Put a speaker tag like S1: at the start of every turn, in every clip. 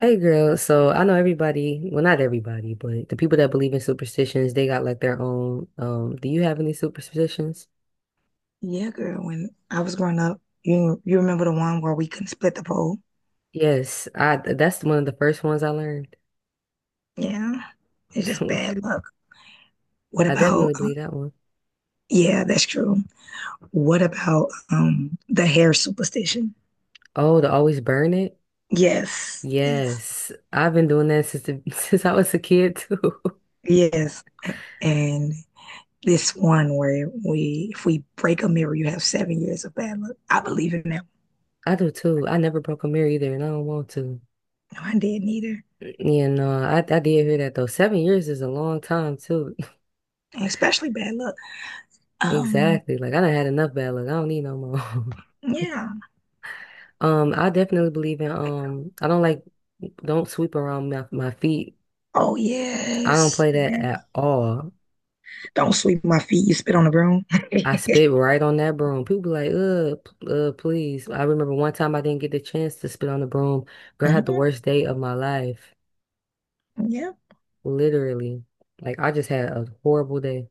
S1: Hey girl, so I know everybody, well not everybody, but the people that believe in superstitions, they got like their own. Do you have any superstitions?
S2: Yeah, girl. When I was growing up, you remember the one where we couldn't split the pole?
S1: Yes, I that's one of the first ones I learned.
S2: Yeah. It's just bad luck. What
S1: I
S2: about,
S1: definitely believe that one.
S2: yeah, that's true. What about the hair superstition?
S1: Oh, to always burn it?
S2: Yes, yes,
S1: Yes. I've been doing that since since I was a kid too.
S2: yes. And this one where we if we break a mirror, you have 7 years of bad luck. I believe in that.
S1: I do too. I never broke a mirror either and I don't want to.
S2: No, I didn't either.
S1: You know, I did hear that though. 7 years is a long time too.
S2: And especially bad luck. Um,
S1: Exactly. Like I done had enough bad luck. I don't need no more.
S2: yeah.
S1: I definitely believe in I don't like don't sweep around my feet.
S2: Oh
S1: I don't
S2: yes.
S1: play that
S2: Yeah.
S1: at all.
S2: Don't sweep my feet. You spit on the broom.
S1: I spit right on that broom. People be like, please. I remember one time I didn't get the chance to spit on the broom. Girl, I had the
S2: Mhm.
S1: worst day of my life.
S2: Yeah.
S1: Literally. Like I just had a horrible day.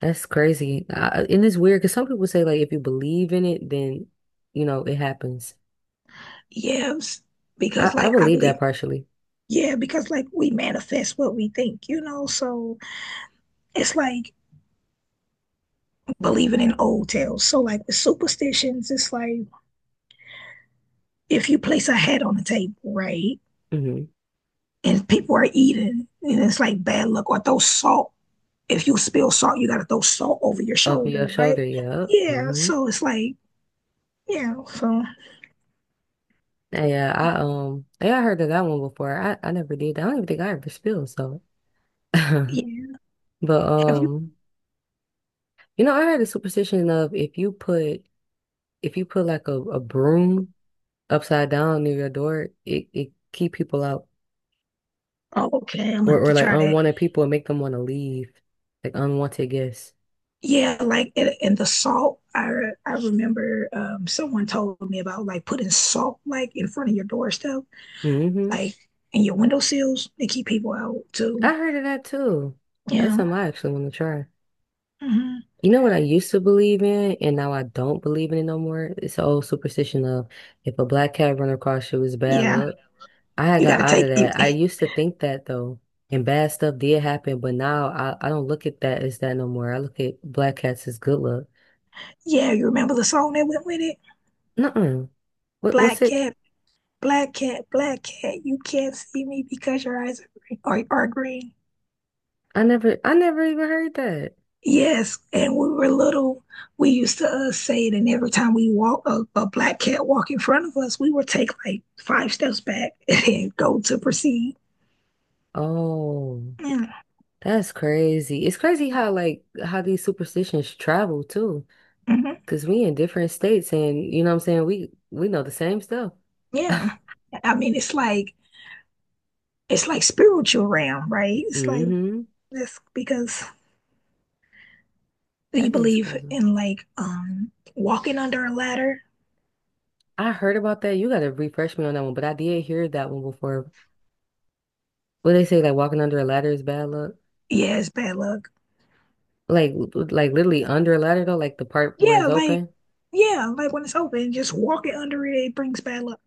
S1: That's crazy. And it's weird because some people say like if you believe in it, then you know it happens.
S2: Yes.
S1: I,
S2: Because
S1: I
S2: like I
S1: believe
S2: believe,
S1: that partially.
S2: yeah, because like we manifest what we think. So it's like believing in old tales. So like with superstitions, it's like if you place a hat on the table, right?
S1: Mm-hmm.
S2: And people are eating and it's like bad luck or throw salt. If you spill salt, you gotta throw salt over your
S1: Over your
S2: shoulder,
S1: shoulder,
S2: right?
S1: yeah.
S2: Yeah. So it's like, yeah, so
S1: Yeah, I heard of that one before. I never did that. I don't even think I ever spilled, so but
S2: yeah. Have you?
S1: um you know, I heard the superstition of if you put like a broom upside down near your door, it keep people out.
S2: Oh, okay, I'm gonna
S1: Or
S2: have to
S1: like
S2: try that.
S1: unwanted people and make them want to leave. Like unwanted guests.
S2: Yeah, like and the salt. I remember someone told me about like putting salt like in front of your doorstep,
S1: Hmm.
S2: like in your windowsills. They keep people out too.
S1: I heard of that too. That's
S2: Yeah,
S1: something I actually want to try.
S2: hmm,
S1: You know what I used to believe in, and now I don't believe in it no more? It's the old superstition of if a black cat run across you, it's bad
S2: yeah.
S1: luck. I had
S2: You got
S1: got
S2: to
S1: out
S2: take
S1: of
S2: you.
S1: that. I used to think that though, and bad stuff did happen, but now I don't look at that as that no more. I look at black cats as good luck.
S2: Yeah, you remember the song that went with it?
S1: Nuh-uh. What's
S2: Black
S1: it?
S2: cat, black cat, black cat. You can't see me because your eyes are green, are green.
S1: I never even heard that.
S2: Yes, and we were little. We used to say it, and every time we walk a black cat walk in front of us, we would take like five steps back and then go to proceed.
S1: Oh,
S2: Yeah,
S1: that's crazy. It's crazy how how these superstitions travel too,
S2: mhm,
S1: because we in different states, and you know what I'm saying? We know the same stuff.
S2: yeah. I mean it's like spiritual realm, right? It's like
S1: Mm-hmm.
S2: this because you
S1: That is
S2: believe
S1: crazy.
S2: in like walking under a ladder.
S1: I heard about that. You gotta refresh me on that one, but I did hear that one before. What they say, like walking under a ladder is bad luck.
S2: Yeah, it's bad luck.
S1: Like, like literally under a ladder though, like the part where it's
S2: Yeah, like
S1: open.
S2: yeah, like when it's open, just walking under it brings bad luck.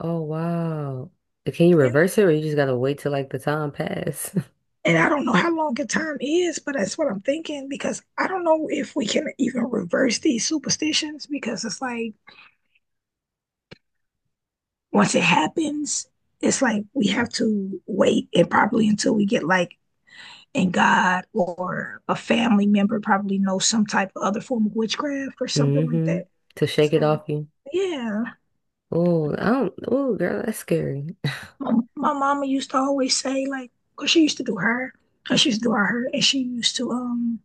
S1: Oh wow. Can you
S2: Yeah.
S1: reverse it, or you just gotta wait till like the time pass?
S2: And I don't know how long a time is, but that's what I'm thinking because I don't know if we can even reverse these superstitions because it's like once it happens, it's like we have to wait and probably until we get like in God or a family member probably knows some type of other form of witchcraft or something like
S1: Mm-hmm.
S2: that.
S1: To shake it off
S2: So
S1: you.
S2: yeah,
S1: Oh, I don't. Oh, girl, that's scary.
S2: my mama used to always say like because she used to do her, she used to do her, and she used to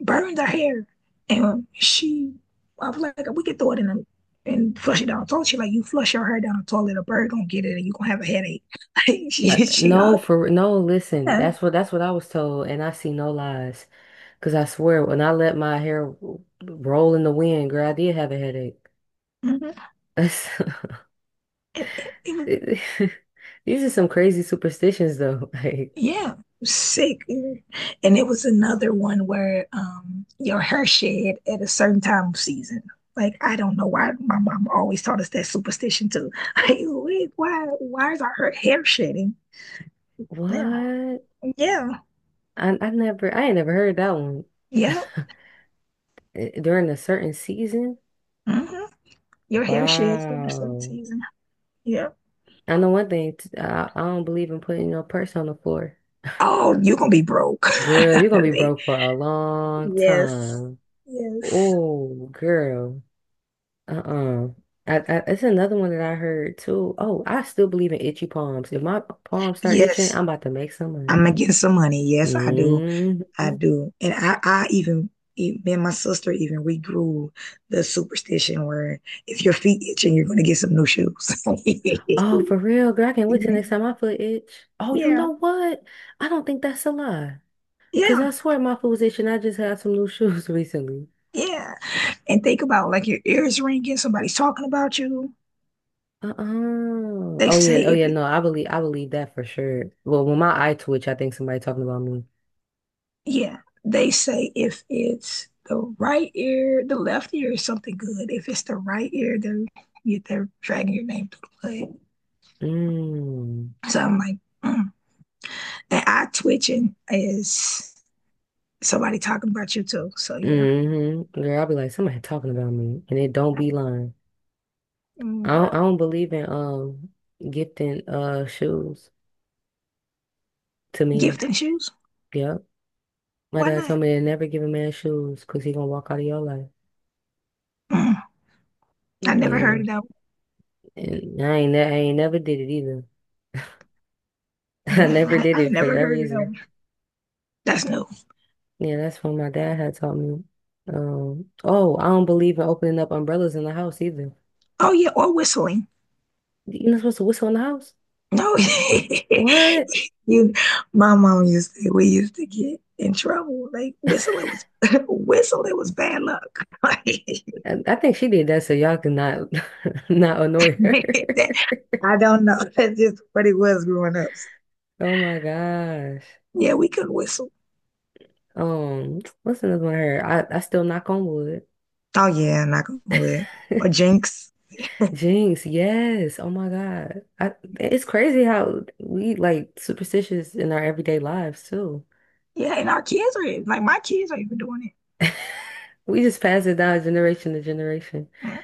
S2: burns her hair, and she, I was like, we could throw it and flush it down the toilet. She like, you flush your hair down the toilet, a bird gonna get it, and you gonna have a headache. she, all,
S1: No, for no. Listen,
S2: yeah,
S1: that's what I was told, and I see no lies. Because I swear, when I let my roll in the wind, girl, I did have a headache.
S2: mhm. It- it- it was-
S1: These are some crazy superstitions, though. Like,
S2: yeah, it was sick. And it was another one where your hair shed at a certain time of season. Like I don't know why my mom always taught us that superstition too. Like, why is our hair shedding? Yeah,
S1: what?
S2: yeah,
S1: I ain't never heard that one.
S2: yeah.
S1: Eh, during a certain season?
S2: hmm Your hair sheds during certain
S1: Wow.
S2: season. Yeah.
S1: I know one thing, I don't believe in putting your purse on the floor.
S2: Oh, you're gonna be broke.
S1: Girl, you're gonna be broke for a long
S2: Yes.
S1: time.
S2: Yes.
S1: Oh, girl. Uh-uh. It's another one that I heard too. Oh, I still believe in itchy palms. If my palms start itching,
S2: Yes.
S1: I'm about to make some
S2: I'm
S1: money.
S2: gonna get some money. Yes, I do.
S1: Hmm.
S2: I do. And I even me and my sister even we grew the superstition where if your feet itching, you're gonna get some new shoes.
S1: Oh, for real, girl. I can't wait till
S2: Yeah.
S1: next time my foot itch. Oh, you
S2: Yeah.
S1: know what? I don't think that's a lie. Cause
S2: Yeah.
S1: I swear my foot was itching. I just had some new shoes recently.
S2: Yeah. And think about like your ears ringing, somebody's talking about you.
S1: Uh-uh.
S2: They
S1: Oh
S2: say
S1: yeah. Oh
S2: if
S1: yeah.
S2: it
S1: No, I believe that for sure. Well, when my eye twitch, I think somebody talking about me.
S2: Yeah, they say if it's the right ear, the left ear is something good. If it's the right ear, they're dragging your name through the mud.
S1: Mm.
S2: So I'm like, mm. And eye twitching is somebody talking about you too. So yeah,
S1: Mm-hmm. Girl, I'll be like, somebody talking about me. And it don't be lying.
S2: mm, yep.
S1: I don't believe in gifting shoes to men.
S2: Gifting shoes,
S1: Yep. My
S2: why
S1: dad
S2: not?
S1: told me to never give a man shoes because he gonna walk out of your life.
S2: Mm.
S1: Mm.
S2: I never heard of
S1: Yeah.
S2: that.
S1: And I ain't never did it either. I
S2: One.
S1: never
S2: Yeah,
S1: did
S2: I've
S1: it for
S2: never
S1: that
S2: heard of that.
S1: reason.
S2: One. That's new.
S1: Yeah, that's what my dad had taught me. Oh, I don't believe in opening up umbrellas in the house either.
S2: Oh yeah, or whistling.
S1: You're not supposed to whistle in the house.
S2: No,
S1: What?
S2: you. My mom used to. We used to get in trouble. Like whistling was whistling was bad luck.
S1: I think she did that so y'all could not not annoy her.
S2: that- I don't know. That's just what it was growing up. So,
S1: Oh my gosh.
S2: yeah, we couldn't whistle.
S1: What's another one I heard? I still knock on wood.
S2: Oh yeah, not gonna lie. Or jinx.
S1: Jinx, yes. Oh my God. I, it's crazy how we like superstitious in our everyday lives too.
S2: Yeah, and our kids are like my kids are even doing
S1: We just pass it down generation to generation.
S2: it. Mm-mm.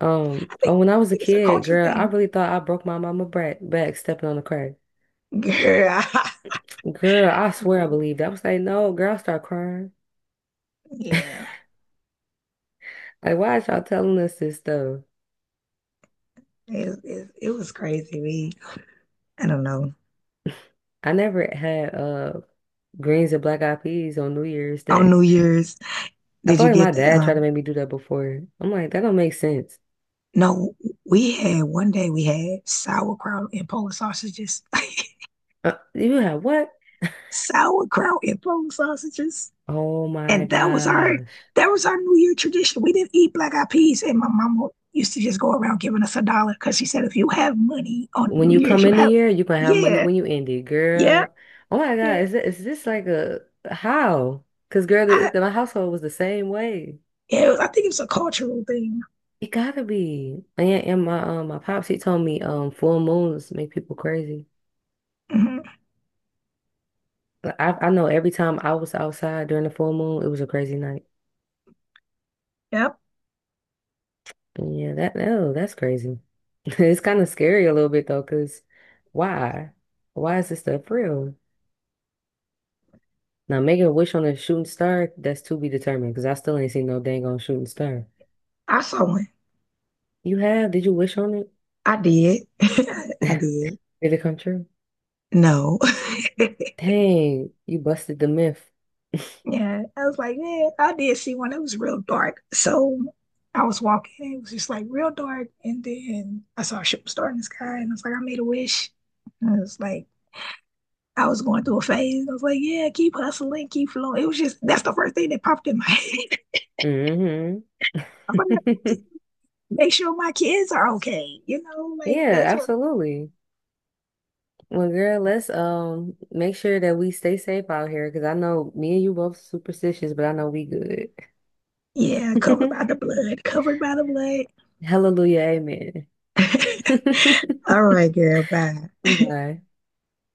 S2: I think
S1: Oh, when I
S2: I
S1: was a
S2: think it's a
S1: kid,
S2: culture
S1: girl, I
S2: thing.
S1: really thought I broke my mama back, back stepping on the crack.
S2: Girl.
S1: Girl, I swear I believed. It. I was like, no, girl, I start crying.
S2: Yeah.
S1: Like, why is y'all telling us this stuff?
S2: It was crazy. We I don't know.
S1: I never had greens and black eyed peas on New Year's
S2: On
S1: Day.
S2: New Year's,
S1: I
S2: did
S1: feel
S2: you
S1: like
S2: get
S1: my
S2: the,
S1: dad tried to make me do that before. I'm like, that don't make sense.
S2: no, we had one day we had sauerkraut and Polish sausages.
S1: You have what?
S2: Sauerkraut and Polish sausages.
S1: Oh my
S2: And that was our
S1: gosh.
S2: that was our New Year tradition. We didn't eat black eyed peas, and my mama used to just go around giving us a dollar because she said if you have money on
S1: When
S2: New
S1: you
S2: Year's,
S1: come
S2: you
S1: in the
S2: have
S1: year, you gonna have money
S2: yeah,
S1: when you end it,
S2: yeah,
S1: girl. Oh my
S2: yeah.
S1: God, is this like a how? Because girl,
S2: I
S1: my household was the same way.
S2: Yeah, I think it was a cultural thing.
S1: It gotta be. And my my pops he told me full moons make people crazy.
S2: hmm
S1: Like, I know every time I was outside during the full moon, it was a crazy night.
S2: Yep,
S1: Yeah, that no, that's crazy. It's kind of scary a little bit though, because why? Why is this stuff real? Now, making a wish on a shooting star, that's to be determined, because I still ain't seen no dang on shooting star.
S2: I saw one.
S1: You have? Did you wish on it?
S2: I did. I
S1: Did
S2: did.
S1: it come true?
S2: No.
S1: Dang, you busted the myth.
S2: Yeah, I was like, yeah, I did see one. It was real dark. So I was walking, it was just like real dark. And then I saw a shooting star in the sky, and I was like, I made a wish. And I was like, I was going through a phase. I was like, yeah, keep hustling, keep flowing. It was just, that's the first thing that popped in my head.
S1: Mm-hmm.
S2: I was like, make sure my kids are okay. You know, like
S1: Yeah,
S2: that's what,
S1: absolutely. Well, girl, let's make sure that we stay safe out here, because I know me and you both superstitious, but I know we good.
S2: yeah, covered by the blood, covered by the blood.
S1: Hallelujah. Amen.
S2: All right, girl, bye.
S1: Bye.